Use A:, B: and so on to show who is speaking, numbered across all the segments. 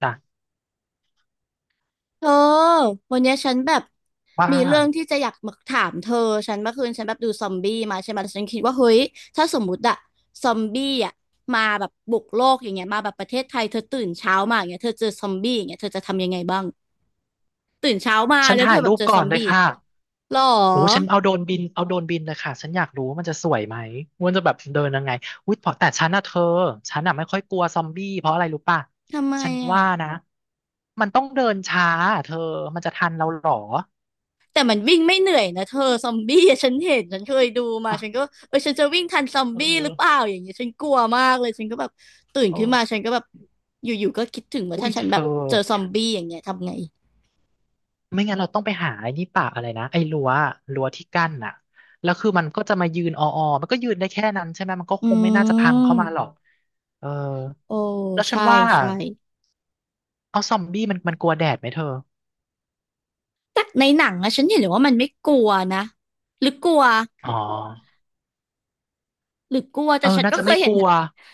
A: จ้ะ
B: เธอวันเนี้ยฉันแบบ
A: ว่า
B: มีเรื่องที่จะอยากมาถามเธอฉันเมื่อคืนฉันแบบดูซอมบี้มาใช่ไหมแล้วฉันคิดว่าเฮ้ยถ้าสมมุติอะซอมบี้อะมาแบบบุกโลกอย่างเงี้ยมาแบบประเทศไทยเธอตื่นเช้ามาอย่างเงี้ยเธอเจอซอมบี้อย่างเงี้ยเธอจะทำยังไงบ้างตื่นเช้ามา
A: ฉัน
B: แล้วเธ
A: ถ่าย
B: อแบ
A: รู
B: บ
A: ป
B: เจอซ
A: ก่อ
B: อ
A: น
B: ม
A: เลย
B: บี้
A: ค่ะ
B: หรอ
A: โอ้ฉันเอาโดรนบินเอาโดรนบินเลยค่ะฉันอยากรู้ว่ามันจะสวยไหมม่นจะแบบเดินยังไงอุ้ยเพราะแต่ฉันอ่ะเธอฉันอ่ะไม่ค่อยกลัวซอมบี้เพราะอะไรรู้ป่ะ
B: ทำไม
A: ฉัน
B: อะ
A: ว่านะมันต้องเดินช้าอะเธอมันจะทันเราเหรอ
B: แต่มันวิ่งไม่เหนื่อยนะเธอซอมบี้อะฉันเห็นฉันเคยดูมาฉัน
A: อ
B: ก็เออฉันจะวิ่งทันซอม
A: เอ
B: บี้หรือเป
A: อ
B: ล่าอย่างเงี้ยฉันกลัวมากเลยฉันก็แบบตื่น
A: เอ
B: ขึ้นมา
A: อ
B: ฉันก็แบบอยู่ๆก็คิดถึงว่า
A: อุ้
B: ถ้า
A: ย
B: ฉั
A: เธ
B: นแบบ
A: อ
B: เจอซอมบี้อย่างเงี้ยทำไง
A: ไม่งั้นเราต้องไปหาไอ้นี่ป่าอะไรนะไอ้รั้วที่กั้นน่ะแล้วคือมันก็จะมายืนอมันก็ยืนได้แค่นั้นใช่ไหมมันก็
B: อื
A: คงไม่น่าจะพังเข้ามาหรอ
B: ม
A: กเออ
B: โอ้
A: แล้วฉัน
B: ใช่
A: ว่า
B: ใช่
A: เอาซอมบี้มันกลัวแดดไหมเธอ
B: แต่ในหนังอะฉันเห็นเลยว่ามันไม่กลัวนะหรือกลัว
A: อ๋อ
B: หรือกลัว
A: เอ
B: แต่
A: อ
B: ฉัน
A: น่า
B: ก็
A: จะ
B: เค
A: ไม่
B: ยเห็
A: ก
B: น
A: ลัว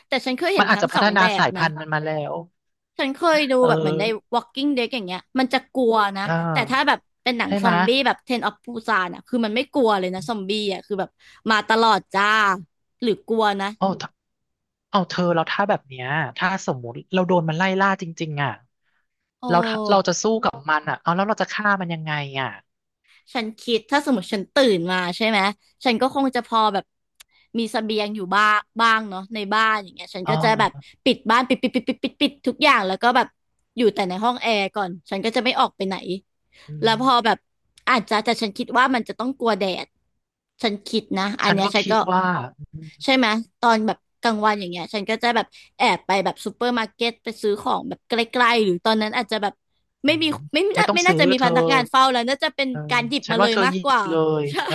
B: แต่ฉันเคยเห็
A: มั
B: น
A: นอาจ
B: ทั้ง
A: จะ
B: ส
A: พั
B: อ
A: ฒ
B: ง
A: นา
B: แบบ
A: สาย
B: นะ
A: พันธุ์มันมาแล้ว
B: ฉันเคยดู
A: เออ
B: แบบเหมือนใน Walking Dead อย่างเงี้ยมันจะกลัวนะ
A: เอ
B: แต่ถ้าแบ
A: อ
B: บเป็นหนัง
A: ใช่
B: ซ
A: ไหม
B: อมบี้แบบ Train of Busan อ่ะคือมันไม่กลัวเลยนะซอมบี้อ่ะคือแบบมาตลอดจ้าหรือกลัวนะ
A: โอ้ถ้าเอาเธอเราถ้าแบบเนี้ยถ้าสมมุติเราโดนมันไล่ล่าจริงๆอ่ะ
B: โอ
A: เราถ้าเราจะ
B: ้
A: สู้กับมันอ่ะเอาแล้วเราจะฆ่ามันยังไงอ่ะ
B: ฉันคิดถ้าสมมติฉันตื่นมาใช่ไหม ฉันก็คงจะพอแบบมีเสบียงอยู่บ้างบ้างเนาะในบ้านอย่างเงี้ยฉัน
A: อ่
B: ก็จะแบบ
A: า
B: ปิดบ้านปิดปิดปิดปิดปิดปิดทุกอย่างแล้วก็แบบอยู่แต่ในห้องแอร์ก่อน ฉันก็จะไม่ออกไปไหน
A: อื
B: แล้วพอ
A: ม
B: แบบอาจจะแต่ฉันคิดว่ามันจะต้องกลัวแดดฉันคิดนะอัน
A: ฉัน
B: เนี้ย
A: ก็
B: ฉัน
A: คิ
B: ก็
A: ดว่า
B: ใช่ไหมตอนแบบกลางวันอย่างเงี้ยฉันก็จะแบบแอบไปแบบซูเปอร์มาร์เก็ตไปซื้อของแบบใกล้ๆหรือตอนนั้นอาจจะแบบ
A: อื
B: ไม่มี
A: ม
B: ไม่
A: ไม่
B: น่า
A: ต้อง
B: ไม่น่า
A: ซื้อ
B: จะมี
A: เธ
B: พ
A: อ
B: นักงานเฝ้าแล้วน่าจะเป็น
A: เออ
B: การหยิบ
A: ฉั
B: มา
A: น
B: เล
A: ว่า
B: ย
A: เธอ
B: มา
A: ห
B: ก
A: ยิ
B: ก
A: บ
B: ว่า
A: เลย
B: ใช่
A: เออ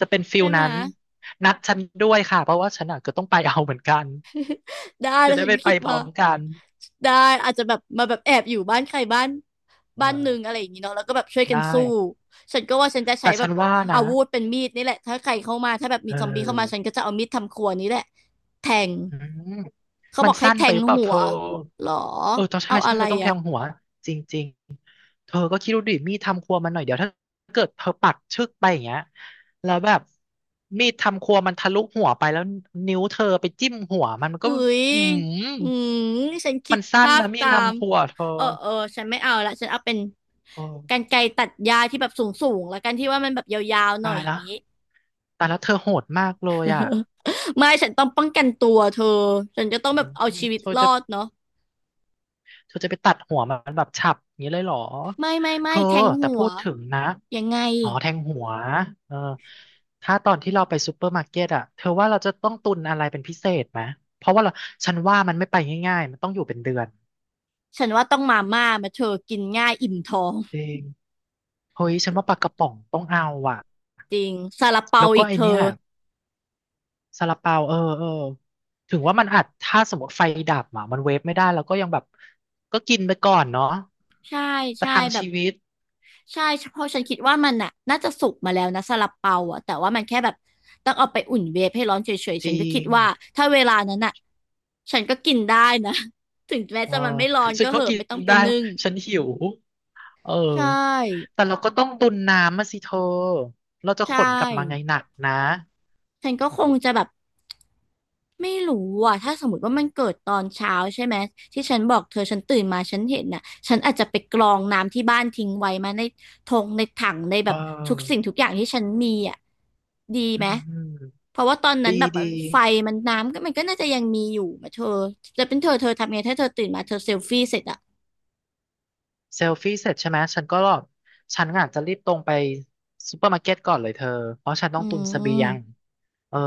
A: จะเป็นฟิ
B: ใช่
A: ล
B: ไหม
A: นั้น นัดฉันด้วยค่ะ เพราะว่าฉันอ่ะก็ต้องไปเอาเหมือนกัน
B: ได้แล้
A: จะ
B: ว
A: ได้
B: ฉัน
A: ไป
B: ก็
A: ไป
B: คิด
A: พร้
B: ว่า
A: อมกัน
B: ได้อาจจะแบบมาแบบแอบอยู่บ้านใครบ้าน
A: เอ
B: บ้านหนึ่ง
A: อ
B: อะไรอย่างงี้เนาะแล้วก็แบบช่วยกั
A: ได้
B: นสู้ฉันก็ว่าฉันจะ
A: แต่
B: ใช้แบ
A: ฉั
B: บ
A: นว่านะ
B: อาวุธเป็นมีดนี่แหละถ้าใครเข้ามาถ้าแบบ
A: เ
B: มีซอมบี้เข้ามาฉั
A: ออ
B: นก็จะเอามีดทำครัวนี้แหละแทง
A: อืม
B: เขา
A: มั
B: บ
A: น
B: อกให้
A: สั้น
B: แท
A: ไป
B: ง
A: หรือเปล่า
B: หั
A: เธ
B: ว
A: อ
B: หรอ
A: เออต้องใช่
B: เอาอะ
A: ใช่
B: ไร
A: ต้องแท
B: อ่ะ
A: งหัวจริงๆ เธอก็คิดดูดิมีดทำครัวมันหน่อยเดี๋ยวถ้าเกิดเธอปักชึกไปอย่างเงี้ยแล้วแบบมีดทำครัวมันทะลุหัวไปแล้วนิ้วเธอไปจิ้มหัวมันมันก็
B: อุ๊ย
A: อืม
B: อืมฉันคิ
A: มั
B: ด
A: นสั้น
B: ภาพ
A: นะมีด
B: ตาม
A: ทำครัวเธ
B: เอ
A: อ
B: อเออฉันไม่เอาละฉันเอาเป็น
A: โอ้
B: กรรไกรตัดหญ้าที่แบบสูงสูงแล้วกันที่ว่ามันแบบยาวๆหน่
A: ตา
B: อย
A: ย
B: อย่า
A: แล
B: ง
A: ว
B: นี้
A: ตายแล้วเธอโหดมากเลยอ่ะ
B: ไม่ฉันต้องป้องกันตัวเธอฉันจะต้อ
A: อื
B: งแบบ
A: ม
B: เอาชีวิต
A: เธอ
B: รอ
A: จะ
B: ดเนาะ
A: เธอจะไปตัดหัวมันแบบฉับอย่างนี้เลยเหรอ
B: ไม่ไม่
A: เธ
B: ไม่
A: อ
B: แทง
A: แต่
B: หั
A: พู
B: ว
A: ดถึงนะ
B: ยังไง
A: อ๋อแทงหัวเออถ้าตอนที่เราไปซูเปอร์มาร์เก็ตอะเธอว่าเราจะต้องตุนอะไรเป็นพิเศษไหมเพราะว่าเราฉันว่ามันไม่ไปง่ายๆ มันต้องอยู่เป็นเดือน
B: ฉันว่าต้องมาม่ามาเธอกินง่ายอิ่มท้อง
A: จริงเฮ้ย ฉันว่าปลากระป๋องต้องเอาอ่ะ
B: จริงซาลาเปา
A: แล้วก็
B: อีก
A: ไอ
B: เธ
A: เนี้
B: อ
A: ยซาลาเปาเออเออถึงว่ามันอัจถ้าสมมติไฟดับอ่ะมันเวฟไม่ได้แล้วก็ยังแบบก็กินไปก่อนเนาะ
B: ใช่
A: ประ
B: ใช่
A: ทัง
B: แบบ
A: ชีวิต
B: ใช่เพราะฉันคิดว่ามันน่ะน่าจะสุกมาแล้วนะซาลาเปาอ่ะแต่ว่ามันแค่แบบต้องเอาไปอุ่นเวฟให้ร้อนเฉยๆ
A: จ
B: ฉัน
A: ริ
B: ก็คิด
A: ง
B: ว่าถ้าเวลานั้นน่ะฉันก็กินได้นะ ถึงแม้
A: เออ
B: จะมันไม่ร้อน
A: ฉั
B: ก็
A: น
B: เห
A: ก็
B: อะ
A: กิน
B: ไม่ต้องไป
A: ได้
B: นึ่ง
A: ฉันหิวเออ
B: ใช่
A: แต่เราก็ต้องตุนน้ำมาสิเธอเราจะข
B: ใช่
A: นกลับมาไงหนักนะ
B: ฉันก็คงจะแบบไม่รู้อ่ะถ้าสมมติว่ามันเกิดตอนเช้าใช่ไหมที่ฉันบอกเธอฉันตื่นมาฉันเห็นน่ะฉันอาจจะไปกรองน้ำที่บ้านทิ้งไว้มาในทงในถังในแบ
A: เอ
B: บทุกสิ่
A: อ
B: งทุกอย่างที่ฉันมีอ่ะดี
A: อื
B: ไหม
A: มอืม
B: เพราะว่าตอนนั้น
A: ดี
B: แบบมัน
A: ดี
B: ไฟมันน้ำก็มันก็น่าจะยังมีอยู่มาเธอจะเป็นเธอเธอทำไงถ้าเธอตื่นมาเธอเซลฟี่เสร็จอ่ะ
A: เซลฟี่เสร็จใช่ไหม ฉันก็ฉันอาจจะรีบตรงไปซูเปอร์มาร์เก็ตก่อนเลยเธอ เพราะฉันต้อ
B: อื
A: งตุนเสบียง
B: ม
A: เออ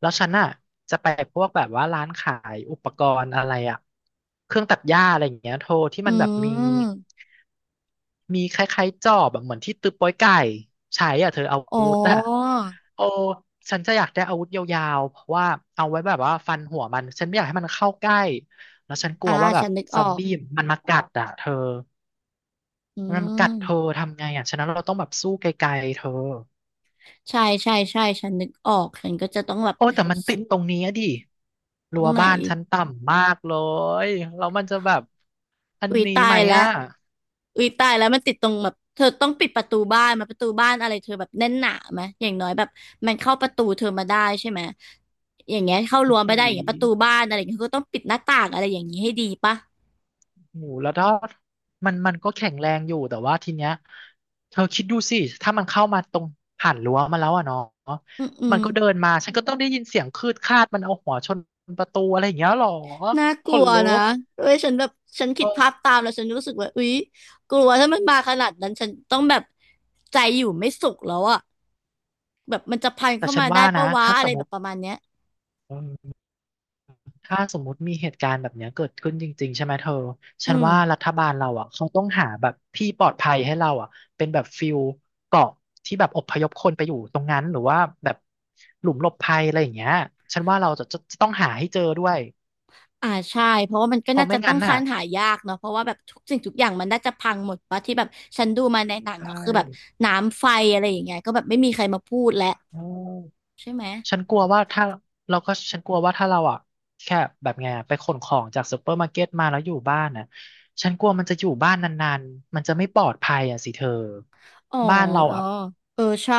A: แล้วฉันน่ะจะไปพวกแบบว่าร้านขายอุปกรณ์อะไรอะเครื่องตัดหญ้าอะไรอย่างเงี้ยโทรที่
B: อื
A: มันแบบมี
B: ม
A: มีคล้ายๆจอบแบบเหมือนที่ตึกโป๊ยไก่ใช้อ่ะเธอเอา
B: อ๋อ
A: โอ้ ฉันจะอยากได้อาวุธยาวๆเพราะว่าเอาไว้แบบว่าฟันหัวมันฉันไม่อยากให้มันเข้าใกล้แล้วฉันกลั
B: อ่า
A: วว่าแบ
B: ฉั
A: บ
B: นนึก
A: ซ
B: อ
A: อม
B: อก
A: บี้มันมากัดอ่ะเธอ
B: อื
A: มันกัด
B: ม
A: เธอทำไงอ่ะฉะนั้นเราต้องแบบสู้ไกลๆเธอ
B: ใช่ใช่ใช่ฉันนึกออกฉันก็จะต้องแบบ
A: โอ้แต่มันติดตรงนี้อะดิ
B: ตร
A: รั้
B: ง
A: ว
B: ไหน
A: บ้านชั้นต่ำมากเลยแล้วมันจะแบบอัน
B: อุ้ย
A: นี้
B: ตา
A: ไหม
B: ยแล้ว
A: อ่ะ
B: อุ้ยตายแล้วมันติดตรงแบบเธอต้องปิดประตูบ้านมาประตูบ้านอะไรเธอแบบแน่นหนาไหมอย่างน้อยแบบมันเข้าประตูเธอมาได้ใช่ไหมอย่างเงี้ยเข้า
A: โอ้
B: รั้ว
A: โห
B: ไม่ได้อย่างเงี้ยประตูบ้านอะไรอย่างเงี้ยเธอก็ต้องปิดหน้าต่างอะไรอย่างงี้ให้ดีปะ
A: หมูแล้วทอดมันก็แข็งแรงอยู่แต่ว่าทีเนี้ยเธอคิดดูสิ ถ้ามันเข้ามาตรงผ่านรั้วมาแล้วอ่ะเนาะ
B: อืมอื
A: มัน
B: ม
A: ก็เดินมาฉันก็ต้องได้ยินเสียงคืดคาดมันเอาหัวชนประตูอะไรอย่างเงี้ยหรอ
B: น่าก
A: ข
B: ลั
A: น
B: ว
A: ลุ
B: นะ
A: ก
B: เว้ยฉันแบบฉันคิดภาพ
A: เออ
B: ตามแล้วฉันรู้สึกว่าอุ๊ยกลัวถ้ามันมาขนาดนั้นฉันต้องแบบใจอยู่ไม่สุขแล้วอะแบบมันจะพัน
A: แต่
B: เข้า
A: ฉัน
B: มาได้
A: ว่า
B: ปะ
A: นะ
B: วะ
A: ถ้า
B: อะ
A: ส
B: ไร
A: มม
B: แบบ
A: ติ
B: ประมาณเนี้ย
A: ถ้าสมมุติมีเหตุการณ์แบบเนี้ยเกิดขึ้นจริงๆใช่ไหมเธอ
B: อื
A: ฉันว่า
B: ม
A: รัฐบาลเราอ่ะเขาต้องหาแบบที่ปลอดภัยให้เราอ่ะเป็นแบบฟิลเกาะที่แบบอพยพคนไปอยู่ตรงนั้นหรือว่าแบบหลุมหลบภัยอะไรอย่างเงี้ยฉันว่าเราจะต้องหาให้เจอด้วย
B: อ่าใช่เพราะว่ามันก็
A: เพราะ
B: น่า
A: ไม่
B: จะต้อ
A: งั้
B: ง
A: น
B: ค้า
A: น่ะ
B: นหายากเนาะเพราะว่าแบบทุกสิ่งทุกอย่างมันน่าจะพังหมดปะที่แบบฉันดูมาในหนัง
A: ใช่
B: ก็คือแบบน้ำไฟอะไรอย่างเงี้ยก็แบบไม่มีใครมาพูดแล้ว
A: เออ
B: ใช่ไหม
A: ฉันกลัวว่าถ้าเราก็ฉันกลัวว่าถ้าเราอ่ะแค่แบบไงอะไปขนของจากซูเปอร์มาร์เก็ตมาแล้วอยู่บ้านน่ะฉันกลัวมันจะอยู่บ้านนานๆมันจะไม่ปลอดภัยอ่ะสิเธอ
B: อ๋อ
A: บ้านเรา
B: อ๋อ
A: อ่ะ
B: เออ ใช่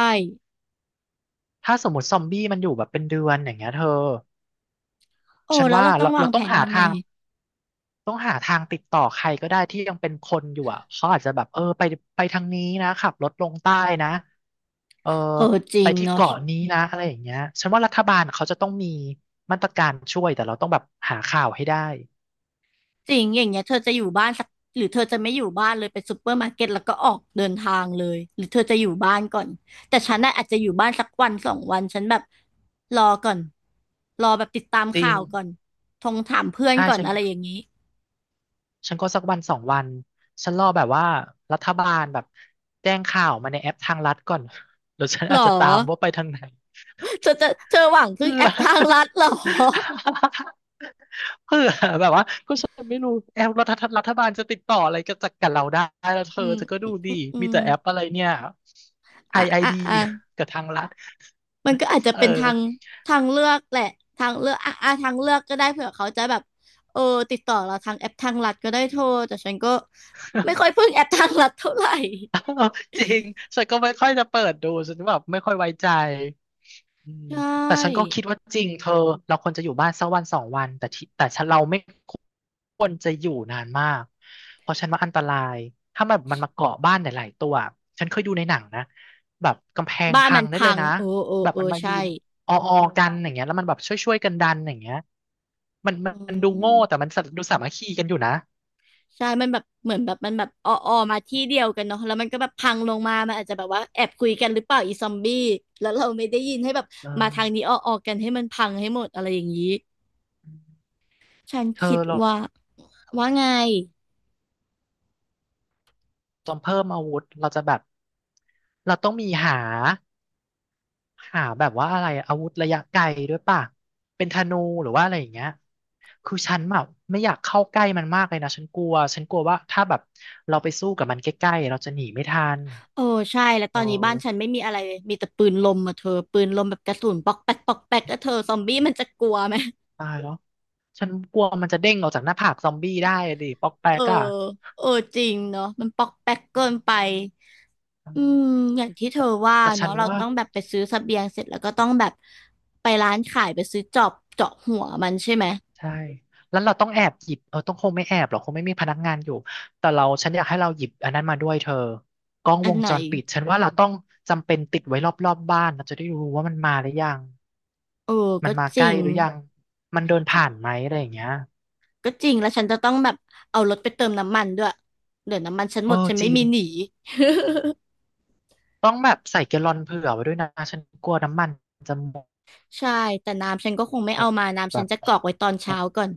A: ถ้าสมมติซอมบี้มันอยู่แบบเป็นเดือนอย่างเงี้ยเธอ
B: โอ้
A: ฉัน
B: แล้ว
A: ว่า
B: เราต้อ
A: เรา
B: งวา
A: เรา
B: งแผ
A: ต้อง
B: น
A: หา
B: ยังไง
A: ทางต้องหาทางติดต่อใครก็ได้ที่ยังเป็นคนอยู่อ่ะเขาอาจจะแบบเออไปไปทางนี้นะขับรถลงใต้นะเออ
B: เออจริ
A: ไป
B: ง
A: ที่
B: เนาะ
A: เกาะนี้นะอะไรอย่างเงี้ยฉันว่ารัฐบาลเขาจะต้องมีมาตรการช่วยแต่เราต้องแบบหาข่าวให้ได้
B: จริงอย่างเงี้ยเธอจะอยู่บ้านสักหรือเธอจะไม่อยู่บ้านเลยไปซูเปอร์มาร์เก็ตแล้วก็ออกเดินทางเลยหรือเธอจะอยู่บ้านก่อนแต่ฉันน่ะอาจจะอยู่บ้านสักวันสองวันฉันแบบรอก่อนแบบติดตาม
A: จริ
B: ข่า
A: ง
B: วก่อนทงถามเพื่อน
A: ใช่
B: ก่อน
A: ฉัน
B: อะไรอย่างนี้
A: ฉันก็สักวันสองวันฉันรอแบบว่ารัฐบาลแบบแจ้งข่าวมาในแอปทางรัฐก่อน แล้วฉัน
B: หรอ
A: อาจจะตามว่าไปทางไหน
B: เธอหวังพึ่ง
A: เผื่
B: แอ
A: อ
B: ปทางลัดหรอ
A: เผื่อแบบว่าก็ฉันไม่รู้แอปรัฐรัฐบาลจะติดต่ออะไรกับจากกับเราได้แล้วเธ
B: อื
A: อ
B: ม
A: เธอก็
B: อื
A: ดู
B: มอื
A: ดี
B: มอื
A: มี
B: ม
A: แต่แอปอะไรเนี่ยไอ
B: อ่ะ
A: ไอ
B: อ่ะ
A: ดี
B: อ่ะ
A: กับทางรัฐ
B: มันก็อาจจะ
A: เออ
B: เป็นทางเลือกแหละทางเลือกอ่ะอ่ะทางเลือกก็ได้เผื่อเขาจะแบบเออติดต่อเราทางแอปทางลัดก็ได้โทรแต่ฉันก็ไม่ค่อยพึ่งแอปทางลัดเท่าไหร่
A: จริงฉันก็ไม่ค่อยจะเปิดดูฉันแบบไม่ค่อยไว้ใจอื ม
B: ใช
A: แต่ฉันก็
B: ่
A: คิดว่าจริงเธอเราควรจะอยู่บ้านสักวันสองวันแต่ฉันเราไม่ควรจะอยู่นานมากเพราะฉันว่าอันตรายถ้ามันมาเกาะบ้านหลายๆตัวฉันเคยดูในหนังนะแบบกำแพง
B: บ้าน
A: พั
B: มั
A: ง
B: น
A: ได้เล
B: พั
A: ย
B: ง
A: นะ
B: โอ้โอ้
A: แบบ
B: โอ้
A: มันมายื
B: ใช่
A: นอออกันอย่างเงี้ยแล้วมันแบบช่วยๆกันดันอย่างเงี้ยมันม
B: อื
A: ันดูโง่แต่
B: ม
A: มันดูสามัคคีกันอยู่นะ
B: ใช่มันแบบเหมือนแบบมันแบบออออมาที่เดียวกันเนาะแล้วมันก็แบบพังลงมามันอาจจะแบบว่าแอบคุยกันหรือเปล่าอีซอมบี้แล้วเราไม่ได้ยินให้แบบ
A: เอ
B: มาทาง
A: อ
B: นี้ออออกันให้มันพังให้หมดอะไรอย่างนี้ฉัน
A: เธ
B: คิ
A: อ
B: ด
A: เรา
B: ว่าว่าไง
A: จนเพิ่มอาวุธเราจะแบบเราต้องมีหาหาแบบว่าอะไรอาวุธระยะไกลด้วยป่ะเป็นธนูหรือว่าอะไรอย่างเงี้ยคือฉันแบบไม่อยากเข้าใกล้มันมากเลยนะฉันกลัวว่าถ้าแบบเราไปสู้กับมันใกล้ๆเราจะหนีไม่ทัน
B: โอ้ใช่แล้วต
A: โอ
B: อนนี้บ้านฉัน
A: ้
B: ไม่มีอะไรเลยมีแต่ปืนลมอะเธอปืนลมแบบกระสุนปอกแป๊กปอกแป๊กแล้วเธอซอมบี้มันจะกลัวไหม
A: ตายแล้วฉันกลัวมันจะเด้งออกจากหน้าผากซอมบี้ได้อะดิปอกแป
B: เออ
A: กอะ
B: เออจริงเนาะมันปอกแป๊กเกินไป
A: อื
B: อื
A: ม
B: มอย่างที่เธ
A: แต่
B: อว่า
A: แต่ฉั
B: เนาะ
A: น
B: เรา
A: ว่า
B: ต้องแบบไปซื้อเสบียงเสร็จแล้วก็ต้องแบบไปร้านขายไปซื้อจอบเจาะหัวมันใช่ไหม
A: ใช่ แล้วเราต้องแอบหยิบเออต้องคงไม่แอบหรอกคงไม่มีพนักงานอยู่ แต่เราฉันอยากให้เราหยิบอันนั้นมาด้วยเธอกล้อง
B: อั
A: ว
B: น
A: ง
B: ไหน
A: จรปิดฉันว่าเราต้องจำเป็นติดไว้รอบบ้านเราจะได้รู้ว่ามันมาหรือยัง
B: เออ
A: มัน
B: ก็
A: มา
B: จ
A: ใก
B: ริ
A: ล้
B: ง
A: หรือยัง มันเดินผ่านไหมอะไรอย่างเงี้ย
B: ก็จริงแล้วฉันจะต้องแบบเอารถไปเติมน้ำมันด้วยเดี๋ยวน้ำมันฉันห
A: เอ
B: มด
A: อ
B: ฉัน
A: จ
B: ไม่
A: ริง
B: มีหนี
A: ต้องแบบใส่แกลลอนเผื่อไว้ด้วยนะฉันกลัวน้ำมันจะหม
B: ใช่แต่น้ำฉันก็คงไม่เอา
A: ด
B: มาน้ำ
A: แบ
B: ฉัน
A: บ
B: จะกรอกไว้ตอนเช้าก่อน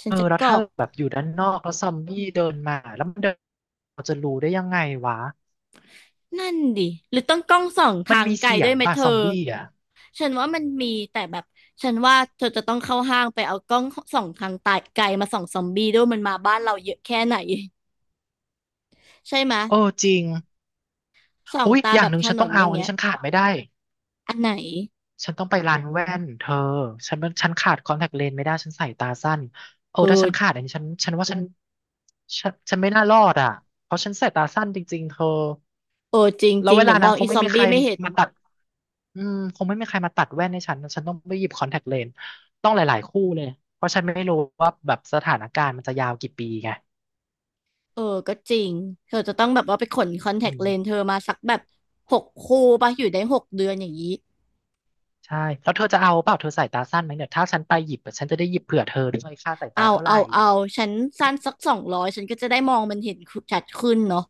B: ฉัน
A: เออ
B: จะ
A: แล้ว
B: กร
A: ถ้า
B: อก
A: แบบอยู่ด้านนอกแล้วซอมบี้เดินมาแล้วมันเดินเราจะรู้ได้ยังไงวะ
B: นั่นดิหรือต้องกล้องส่อง
A: มัน
B: ทาง
A: มี
B: ไกล
A: เสีย
B: ด้
A: ง
B: วยไหม
A: ป่ะ
B: เธ
A: ซอม
B: อ
A: บี้อ่ะ
B: ฉันว่ามันมีแต่แบบฉันว่าเธอจะต้องเข้าห้างไปเอากล้องส่องทางไกลมาส่องซอมบี้ด้วยมันมาบ้านเราเยอะแค่ไหนใช่ไหมย
A: เออจริง
B: ส่อง
A: อุ๊ย
B: ตา
A: อ
B: แบ
A: ย่าง
B: บ
A: หนึ่ง
B: ถ
A: ฉัน
B: น
A: ต้อ
B: น
A: ง
B: อ
A: เอา
B: ย่าง
A: อัน
B: เงี้
A: นี้
B: ย
A: ฉันขาดไม่ได้
B: อันไหน
A: ฉันต้องไปร้านแว่นเธอฉันขาดคอนแทคเลนส์ไม่ได้ฉันใส่ตาสั้น เออ
B: เอ
A: ถ้าฉันขาดอันนี้ฉันว่าฉัน ฉันไม่น่ารอดอ่ะเพราะฉันใส่ตาสั้นจริงๆเธอ
B: เอจริง
A: แล้
B: จ
A: ว
B: ริง
A: เว
B: เดี๋
A: ลา
B: ยวม
A: นั้
B: อ
A: น
B: ง
A: ค
B: อี
A: ง
B: ซ
A: ไม่
B: อม
A: มีใคร
B: บี้ไม่เห็น
A: มาตัดอืมคงไม่มีใครมาตัดแว่นให้ฉัน ฉันต้องไปหยิบคอนแทคเลนส์ต้องหลายๆคู่เลยเพราะฉันไม่รู้ว่าแบบสถานการณ์มันจะยาวกี่ปีไง
B: เออก็จริงเธอจะต้องแบบว่าไปขนคอนแท
A: อื
B: คเลนส์
A: ม
B: เธอมาสักแบบหกคู่ปะอยู่ได้หกเดือนอย่างนี้
A: ใช่แล้วเธอจะเอาเปล่าเธอสายตาสั้นไหมเนี่ยถ้าฉันไปหยิบอะฉันจะได้หยิบเผื่อเธอด้วยค่าสาย
B: เอา
A: ตาเท่าไห
B: เอา
A: ร่
B: เอาฉันสั้นสักสองร้อยฉันก็จะได้มองมันเห็นชัดขึ้นเนาะ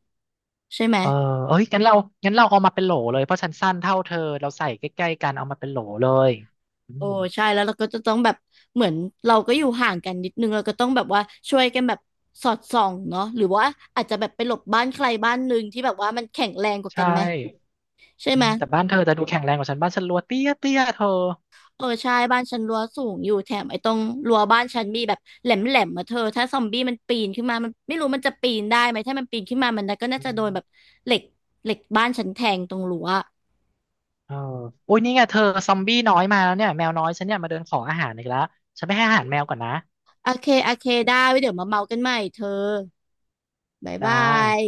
B: ใช่ไหม
A: เออเอ้ยงั้นเราเอามาเป็นโหลเลยเพราะฉันสั้นเท่าเธอเราใส่ใกล้ๆกันเอามาเป็นโหลเลยอื
B: โอ้
A: ม
B: ใช่แล้วเราก็จะต้องแบบเหมือนเราก็อยู่ห่างกันนิดนึงเราก็ต้องแบบว่าช่วยกันแบบสอดส่องเนาะหรือว่าอาจจะแบบไปหลบบ้านใครบ้านหนึ่งที่แบบว่ามันแข็งแรงกว่า
A: ใช
B: กันไหม
A: ่
B: ใช่
A: อื
B: ไหม
A: มแต่บ้านเธอจะดูแข็งแรงกว่าฉันบ้านฉันรัวเตี้ยเธอ
B: เออใช่บ้านฉันรั้วสูงอยู่แถมไอ้ตรงรั้วบ้านฉันมีแบบแหลมแหลมมาเธอถ้าซอมบี้มันปีนขึ้นมามันไม่รู้มันจะปีนได้ไหมถ้ามันปีนขึ้นมามันก็น่า
A: อื
B: จะโด
A: ม
B: นแบบเหล็กเหล็กบ้านฉันแทงตรงรั้ว
A: เออโอุ้ยนี่ไงเธอซอมบี้น้อยมาแล้วเนี่ยแมวน้อยฉันเนี่ยมาเดินขออาหารอีกแล้ว ฉันไปให้อาหารแมวก่อนนะ
B: โอเคโอเคได้ไว้เดี๋ยวมาเมากันใหม่เธอบ๊าย
A: จ้า
B: บาย